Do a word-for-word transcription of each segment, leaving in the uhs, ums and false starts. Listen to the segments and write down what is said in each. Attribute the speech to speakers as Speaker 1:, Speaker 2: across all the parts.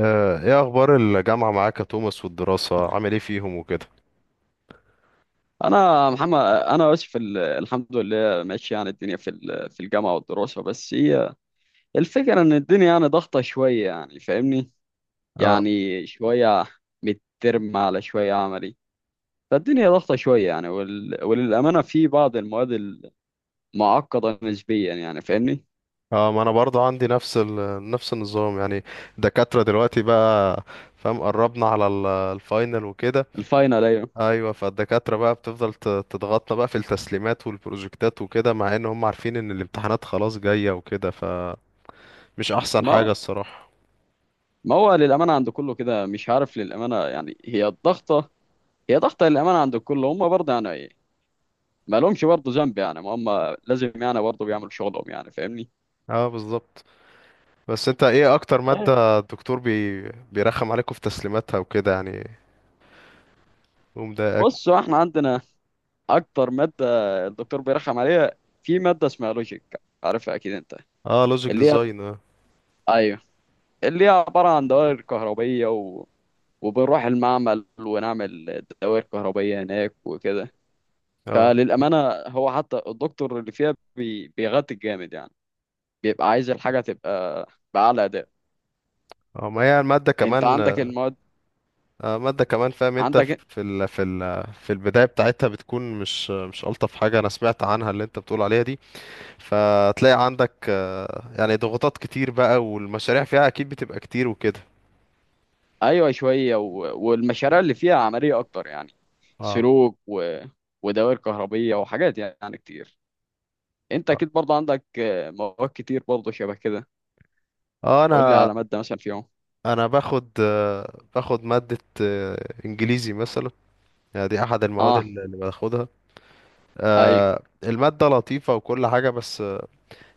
Speaker 1: آه، ايه اخبار الجامعة معاك يا توماس، والدراسة عامل ايه فيهم وكده؟
Speaker 2: انا محمد، انا اسف. ال- الحمد لله ماشي. يعني الدنيا في ال- في الجامعه والدراسه، بس هي الفكره ان الدنيا يعني ضغطه شويه، يعني فاهمني.
Speaker 1: اه.
Speaker 2: يعني شويه مترم على شويه عملي، فالدنيا ضغطه شويه يعني. وال... وللامانه في بعض المواد المعقده نسبيا يعني فاهمني.
Speaker 1: اه، ما انا برضه عندي نفس ال... نفس النظام يعني. الدكاترة دلوقتي بقى، فاهم، قربنا على ال- الفاينل وكده.
Speaker 2: الفاينل ايوه.
Speaker 1: ايوه، فالدكاترة بقى بتفضل ت- تضغطنا بقى في التسليمات والبروجكتات وكده، مع ان هم عارفين ان الامتحانات خلاص جاية وكده، فمش احسن
Speaker 2: ما
Speaker 1: حاجة
Speaker 2: هو
Speaker 1: الصراحة.
Speaker 2: ما هو للامانه عند كله كده، مش عارف، للامانه يعني هي الضغطه، هي ضغطه للامانه عند الكل. هم برضه يعني ما لهمش برضه ذنب، يعني ما هم لازم يعني برضه بيعملوا شغلهم يعني فاهمني.
Speaker 1: اه، بالظبط. بس انت ايه اكتر
Speaker 2: طيب،
Speaker 1: مادة الدكتور بي... بيرخم عليكم في تسليماتها وكده يعني، ومضايقك؟
Speaker 2: بص هو احنا عندنا اكتر ماده الدكتور بيرخم عليها في ماده اسمها لوجيك، عارفها اكيد انت.
Speaker 1: اه، لوجيك
Speaker 2: اللي هي
Speaker 1: ديزاين.
Speaker 2: ايوه، اللي هي عباره عن دوائر كهربيه و... وبنروح المعمل ونعمل دوائر كهربيه هناك وكده.
Speaker 1: اه.
Speaker 2: فللامانه هو حتى الدكتور اللي فيها بي... بيغطي جامد يعني، بيبقى عايز الحاجه تبقى باعلى اداء.
Speaker 1: اه، ما هي المادة
Speaker 2: انت
Speaker 1: كمان.
Speaker 2: عندك المواد
Speaker 1: آه، مادة كمان، فاهم، انت
Speaker 2: عندك.
Speaker 1: في ال... في ال... في البداية بتاعتها بتكون مش مش ألطف حاجة انا سمعت عنها، اللي انت بتقول عليها دي. فتلاقي عندك، آه، يعني ضغوطات كتير بقى، والمشاريع فيها اكيد بتبقى كتير وكده.
Speaker 2: ايوه شويه و... والمشاريع اللي فيها عمليه اكتر يعني،
Speaker 1: اه.
Speaker 2: سلوك و... ودوائر كهربيه وحاجات يعني كتير. انت
Speaker 1: اه.
Speaker 2: اكيد برضه عندك آه، مواد كتير برضه شبه كده.
Speaker 1: آه،
Speaker 2: قول لي
Speaker 1: انا
Speaker 2: على ماده مثلا فيهم.
Speaker 1: انا باخد آه، باخد مادة آه، انجليزي مثلا. يعني دي احد المواد
Speaker 2: اه
Speaker 1: اللي اللي باخدها.
Speaker 2: ايوه
Speaker 1: آه، المادة لطيفة وكل حاجة، بس آه،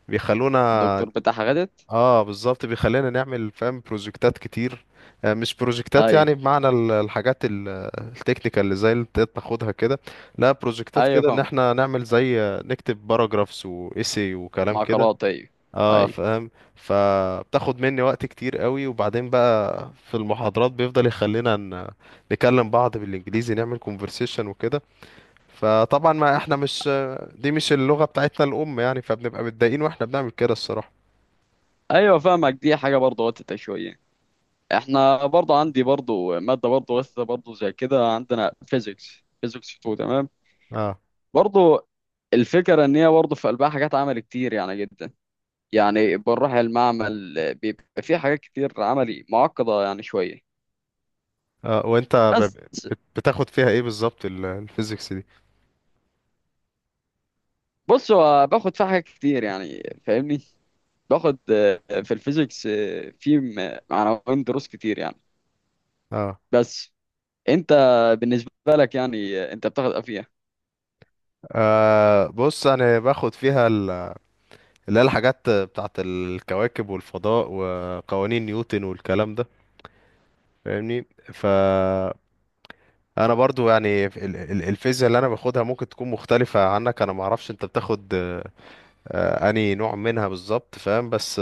Speaker 1: بيخلونا.
Speaker 2: الدكتور بتاعها غدت.
Speaker 1: اه، بالظبط، بيخلينا نعمل، فاهم، بروجكتات كتير. آه، مش بروجكتات،
Speaker 2: ايوه،
Speaker 1: يعني بمعنى ال- الحاجات ال- التكنيكال اللي زي اللي انت بتاخدها كده. لا، بروجكتات
Speaker 2: ايوه
Speaker 1: كده ان
Speaker 2: فاهم،
Speaker 1: احنا نعمل زي، آه، نكتب باراجرافز وايسي وكلام كده.
Speaker 2: معقلات ايوه،
Speaker 1: اه،
Speaker 2: ايوه،
Speaker 1: فاهم، فبتاخد مني وقت كتير قوي. وبعدين بقى في المحاضرات بيفضل يخلينا ن- نكلم بعض بالانجليزي، نعمل كونفرسيشن وكده. فطبعا ما احنا مش، دي مش اللغة بتاعتنا الام يعني، فبنبقى متضايقين واحنا بنعمل كده الصراحة.
Speaker 2: ايوه فاهمك، دي حاجه برضه وقتها شويه. احنا برضه عندي برضه ماده برضه وقتها برضه زي كده، عندنا فيزيكس، فيزيكس اتنين، تمام؟
Speaker 1: آه.
Speaker 2: برضه الفكره ان هي برضه في قلبها حاجات عمل كتير يعني جدا. يعني بنروح المعمل بيبقى فيه حاجات كتير عملي معقدة يعني شوية.
Speaker 1: اه، وانت ب-
Speaker 2: بس
Speaker 1: بت- بتاخد فيها ايه بالظبط ال- الفيزيكس دي؟
Speaker 2: بص هو باخد فيها حاجات كتير يعني فاهمني. باخد آه، في الفيزيكس آه، في م- عناوين دروس كتير يعني.
Speaker 1: اه.
Speaker 2: بس انت بالنسبة لك يعني آه، انت بتاخد افيه.
Speaker 1: آه، بص انا باخد فيها ال- اللي هي الحاجات بتاعت الكواكب والفضاء وقوانين نيوتن والكلام ده، فاهمني. ف انا برضو يعني ال- ال- الفيزياء اللي انا باخدها ممكن تكون مختلفة عنك. انا ما اعرفش انت بتاخد آه، آه، انهي نوع منها بالظبط، فاهم. بس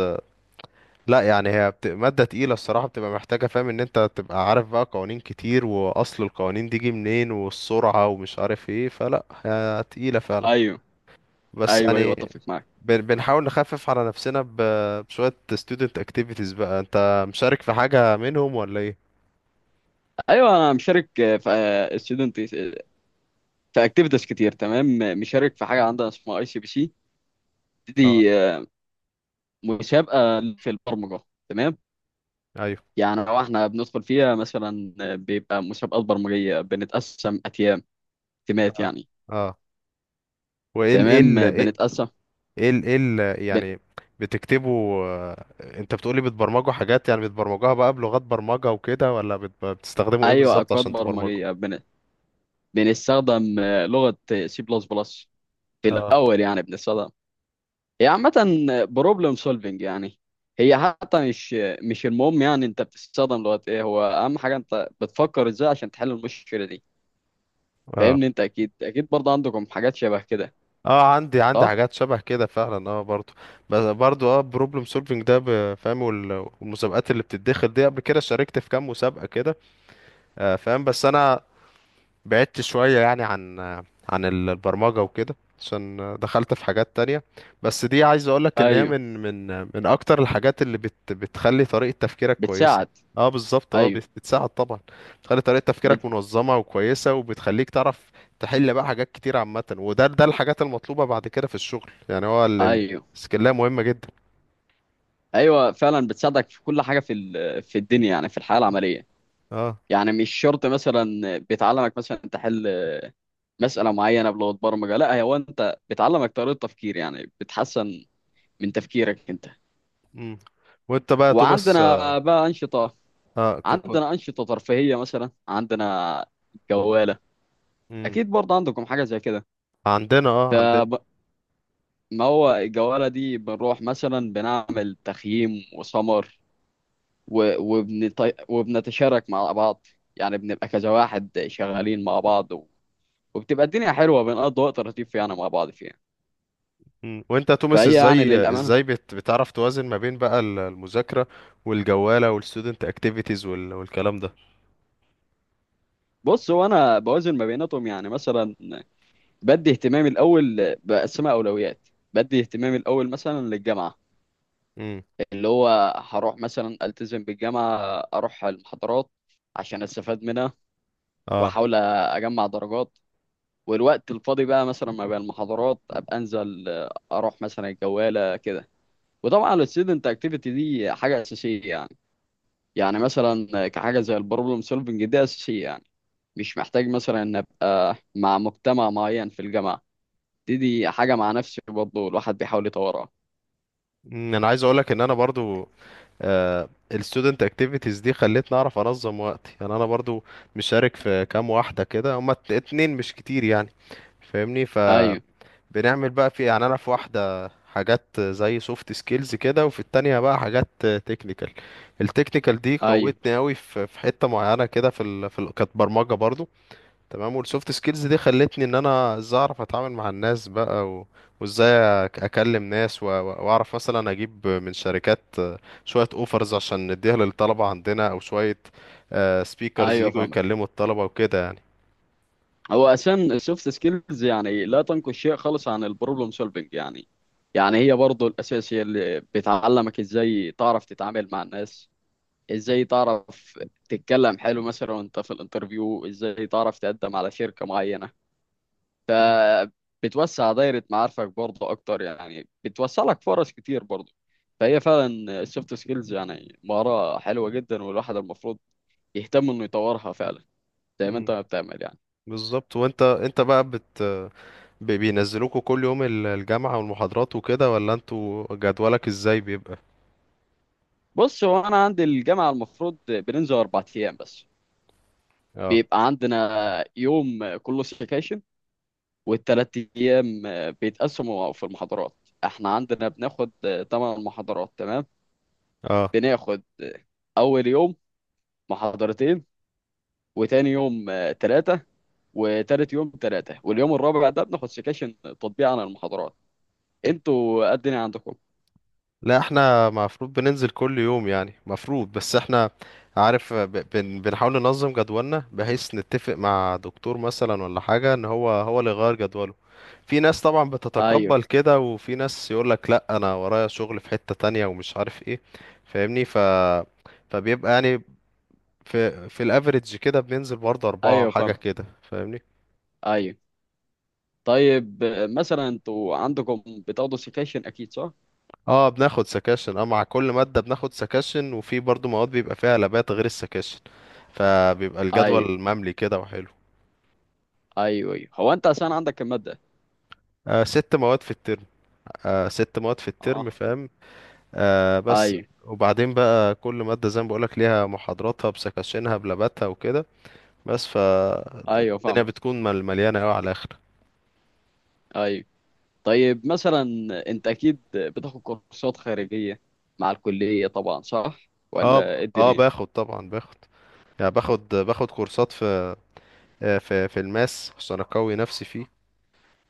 Speaker 1: لا، يعني هي بت... مادة تقيلة الصراحة، بتبقى محتاجة، فاهم، ان انت تبقى عارف بقى قوانين كتير، واصل القوانين دي جه منين والسرعة ومش عارف ايه، فلا هي تقيلة فعلا.
Speaker 2: ايوه،
Speaker 1: بس
Speaker 2: ايوه، ايوه
Speaker 1: يعني
Speaker 2: اتفق معاك.
Speaker 1: بن... بنحاول نخفف على نفسنا ب... بشوية student activities. بقى انت مشارك في حاجة منهم ولا ايه؟
Speaker 2: ايوه انا مشارك آه، في ستودنت، في اكتيفيتيز كتير تمام. مشارك في حاجه عندنا اسمها اي سي بي سي،
Speaker 1: اه.
Speaker 2: دي آه، مسابقه في البرمجه تمام.
Speaker 1: ايوه.
Speaker 2: يعني لو احنا بندخل فيها مثلا بيبقى مسابقات برمجية، بنتقسم أتيام، تيمات
Speaker 1: اه.
Speaker 2: يعني.
Speaker 1: اه. وايه ال ايه ال
Speaker 2: تمام
Speaker 1: ايه
Speaker 2: بنتقسم.
Speaker 1: ايه ال إيه ال-
Speaker 2: بن...
Speaker 1: يعني بتكتبوا، آه، انت بتقولي، بتبرمجوا حاجات يعني، بتبرمجوها بقى بلغات برمجة وكده، ولا بت... بتستخدموا ايه
Speaker 2: أيوة،
Speaker 1: بالظبط
Speaker 2: أكواد
Speaker 1: عشان تبرمجوا؟
Speaker 2: برمجية، بن... بنستخدم لغة سي بلس بلس في الأول. يعني بنستخدم، هي عامة بروبلم سولفينج يعني. هي حتى مش مش المهم يعني أنت بتستخدم لغة إيه، هو أهم حاجة أنت بتفكر إزاي عشان تحل المشكلة دي،
Speaker 1: اه.
Speaker 2: فاهمني. أنت أكيد، أكيد برضه عندكم حاجات شبه كده،
Speaker 1: اه، عندي عندي
Speaker 2: صح؟
Speaker 1: حاجات شبه كده فعلا، اه برضو. بس برضو اه بروبلم سولفنج ده، ب- فاهم، وال- والمسابقات اللي بتتدخل دي، قبل كده شاركت في كام مسابقة كده. آه، فاهم، بس انا بعدت شوية يعني عن عن ال- البرمجة وكده عشان دخلت في حاجات تانية. بس دي عايز اقولك ان هي
Speaker 2: أيوه
Speaker 1: من من من اكتر الحاجات اللي بت بتخلي طريقة تفكيرك كويسة.
Speaker 2: بتساعد.
Speaker 1: اه، بالظبط. اه،
Speaker 2: أيوه
Speaker 1: بت- بتساعد طبعا. بتخلي طريقة تفكيرك
Speaker 2: بت...
Speaker 1: منظمة وكويسة، وبتخليك تعرف تحل بقى حاجات كتير عامة. وده ده الحاجات المطلوبة بعد كده في الشغل يعني، هو ال- ال-
Speaker 2: أيوه،
Speaker 1: السكيلية مهمة جدا.
Speaker 2: ايوه فعلا بتساعدك في كل حاجه في ال- في الدنيا يعني، في الحياه العمليه.
Speaker 1: اه.
Speaker 2: يعني مش شرط مثلا بتعلمك مثلا تحل مساله معينه بلغه برمجه، لا، هو انت بتعلمك طريقه تفكير يعني بتحسن من تفكيرك انت.
Speaker 1: امم وانت بقى يا توماس.
Speaker 2: وعندنا بقى انشطه،
Speaker 1: اه، ك- كنت.
Speaker 2: عندنا انشطه ترفيهيه، مثلا عندنا جواله،
Speaker 1: امم
Speaker 2: اكيد برضه عندكم حاجه زي كده.
Speaker 1: عندنا. اه، عندنا.
Speaker 2: فما هو الجواله دي بنروح مثلا بنعمل تخييم وسمر، و- وبنط... وبنتشارك مع بعض، يعني بنبقى كذا واحد شغالين مع بعض، و... وبتبقى الدنيا حلوة، بنقضي وقت لطيف يعني مع بعض فيها.
Speaker 1: مم. وانت يا توماس،
Speaker 2: فهي يعني
Speaker 1: ازاي
Speaker 2: للأمانة،
Speaker 1: ازاي بت... بتعرف توازن ما بين بقى ال- المذاكرة والجوالة والستودنت اكتيفيتيز وال... والكلام ده؟
Speaker 2: بص هو أنا بوازن ما بيناتهم. يعني مثلا بدي اهتمامي الأول بقسمها أولويات، بدي اهتمامي الأول مثلا للجامعة
Speaker 1: امم
Speaker 2: اللي هو هروح مثلا ألتزم بالجامعة، أروح المحاضرات عشان أستفاد منها
Speaker 1: اه.
Speaker 2: وأحاول أجمع درجات. والوقت الفاضي بقى مثلا ما بين المحاضرات أبقى أنزل أروح مثلا الجوالة كده. وطبعا ال student activity دي حاجة أساسية يعني، يعني مثلا كحاجة زي ال problem solving دي أساسية يعني. مش محتاج مثلا إن أبقى مع مجتمع معين في الجامعة، دي دي حاجة مع نفسي برضه الواحد بيحاول يطورها.
Speaker 1: مم. انا عايز اقولك ان انا برضو، آه الستودنت اكتيفيتيز دي خلتني اعرف انظم وقتي يعني، انا برضو مشارك في كام واحدة كده، هما ات- اتنين، مش كتير يعني، فاهمني. ف
Speaker 2: أيوه،
Speaker 1: بنعمل بقى في، يعني، انا في واحده حاجات زي سوفت سكيلز كده، وفي التانية بقى حاجات تكنيكال. التكنيكال دي
Speaker 2: أيوه،
Speaker 1: قوتني قوي في في حته معينه كده، في ال... في ال... كانت برمجه برضو. تمام. والسوفت سكيلز دي خلتني ان انا ازاي اعرف اتعامل مع الناس بقى، و... وازاي أك- اكلم ناس، و... و- واعرف مثلا اجيب من شركات شويه اوفرز عشان نديها للطلبه عندنا، او شويه سبيكرز
Speaker 2: أيوه
Speaker 1: يجوا
Speaker 2: فاهمك.
Speaker 1: يكلموا الطلبه وكده يعني.
Speaker 2: هو أساسا السوفت سكيلز يعني لا تنقص شيء خالص عن ال problem solving يعني، يعني هي برضه الأساس، هي اللي بتعلمك إزاي تعرف تتعامل مع الناس، ازاي تعرف تتكلم حلو مثلا وانت في الانترفيو، ازاي تعرف تقدم على شركة معينة. فبتوسع دايرة معارفك برضه اكتر، يعني بتوسع لك فرص كتير برضه. فهي فعلا السوفت سكيلز يعني مهارة حلوة جدا، والواحد المفروض يهتم انه يطورها فعلا، زي ما انت
Speaker 1: مم.
Speaker 2: ما بتعمل يعني.
Speaker 1: بالظبط. وانت انت بقى بت بي- بينزلوكوا كل يوم ال- الجامعة والمحاضرات وكده، ولا انتوا جدولك ازاي بيبقى؟
Speaker 2: بص هو انا عندي الجامعة المفروض بننزل اربع ايام بس.
Speaker 1: اه.
Speaker 2: بيبقى عندنا يوم كله سكاشن، والتلات أيام آه، بيتقسموا في المحاضرات. احنا عندنا بناخد آه، تمن محاضرات تمام.
Speaker 1: اه.
Speaker 2: بناخد آه، أول يوم محاضرتين، وتاني يوم آه، تلاتة، وتالت يوم تلاتة، واليوم الرابع ده بناخد سكاشن تطبيق عن المحاضرات. انتوا قد إيه عندكم؟
Speaker 1: لا احنا المفروض بننزل كل يوم يعني، مفروض، بس احنا، عارف، ب- بن بنحاول ننظم جدولنا بحيث نتفق مع دكتور مثلا ولا حاجة، ان هو هو اللي يغير جدوله. في ناس طبعا
Speaker 2: ايوه،
Speaker 1: بتتقبل كده، وفي ناس يقولك لا انا ورايا شغل في حتة تانية ومش عارف ايه، فاهمني. ف فبيبقى يعني في في الافريج كده بننزل برضه أربعة
Speaker 2: ايوه
Speaker 1: حاجة
Speaker 2: فاهمك
Speaker 1: كده، فاهمني.
Speaker 2: ايوه. طيب آه، مثلا انتوا عندكم بتاخدوا سكاشن اكيد، صح؟
Speaker 1: اه، بناخد سكاشن، اه مع كل مادة بناخد سكاشن، وفي برضو مواد بيبقى فيها لابات غير السكاشن، فبيبقى
Speaker 2: ايوه،
Speaker 1: الجدول مملي كده وحلو.
Speaker 2: ايوه، ايوه هو انت عشان عندك المادة.
Speaker 1: آه ست مواد في الترم. آه ست مواد في الترم
Speaker 2: اه
Speaker 1: فاهم. آه بس،
Speaker 2: ايوه،
Speaker 1: وبعدين بقى كل مادة زي ما بقولك ليها محاضراتها بسكاشنها بلاباتها وكده بس،
Speaker 2: ايوه
Speaker 1: فالدنيا
Speaker 2: فاهمك
Speaker 1: بتكون مل- مليانة اوي على الآخر.
Speaker 2: ايوه. طيب مثلا انت اكيد بتاخد كورسات خارجية مع الكلية طبعا، صح؟
Speaker 1: اه.
Speaker 2: ولا
Speaker 1: ب-
Speaker 2: ايه
Speaker 1: اه
Speaker 2: الدنيا؟
Speaker 1: باخد طبعا، باخد، يعني باخد باخد كورسات في، آه، في في الماس عشان اقوي نفسي فيه.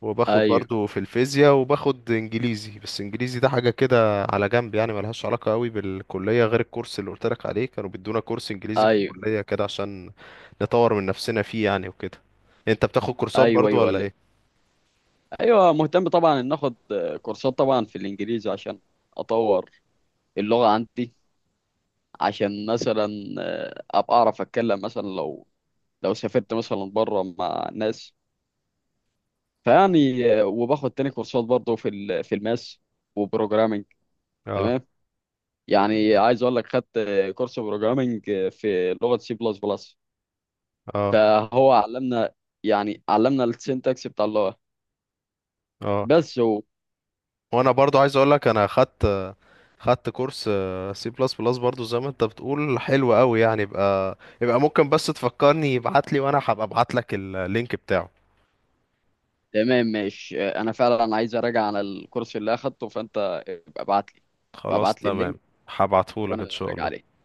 Speaker 1: وباخد
Speaker 2: ايوه،
Speaker 1: برضو في الفيزياء، وباخد انجليزي. بس انجليزي ده حاجة كده على جنب يعني، ملهاش علاقة قوي بالكلية، غير الكورس اللي قلتلك عليه، كانوا بيدونا كورس انجليزي في
Speaker 2: ايوه،
Speaker 1: الكلية كده عشان نطور من نفسنا فيه يعني وكده. انت بتاخد كورسات
Speaker 2: ايوه،
Speaker 1: برضو
Speaker 2: ايوه،
Speaker 1: ولا
Speaker 2: ولا إيه؟
Speaker 1: ايه؟
Speaker 2: ايوه، مهتم طبعا ان اخد كورسات طبعا في الانجليزي عشان اطور اللغة عندي، عشان مثلا ابقى اعرف اتكلم مثلا لو لو سافرت مثلا بره مع ناس. فيعني وباخد تاني كورسات برضه في ال- في الماس وبروجرامينج
Speaker 1: اه.
Speaker 2: تمام. يعني عايز اقول لك خدت كورس بروجرامينج في لغة سي بلس بلس،
Speaker 1: اه.
Speaker 2: فهو علمنا، يعني علمنا السنتكس بتاع اللغه
Speaker 1: اه.
Speaker 2: بس هو.
Speaker 1: وانا برضو عايز اقول لك، انا خدت خدت كورس سي بلس بلس برضو. زي ما انت بتقول حلو قوي يعني. يبقى يبقى ممكن بس تفكرني ابعت لي وانا هبقى ابعت لك اللينك بتاعه.
Speaker 2: تمام ماشي، آه، انا فعلا عايز اراجع على الكورس اللي اخدته، فانت ابقى ابعت لي، ابقى
Speaker 1: خلاص
Speaker 2: ابعت لي
Speaker 1: تمام،
Speaker 2: اللينك
Speaker 1: هبعته لك
Speaker 2: وانا
Speaker 1: ان شاء
Speaker 2: اراجع
Speaker 1: الله.
Speaker 2: عليه.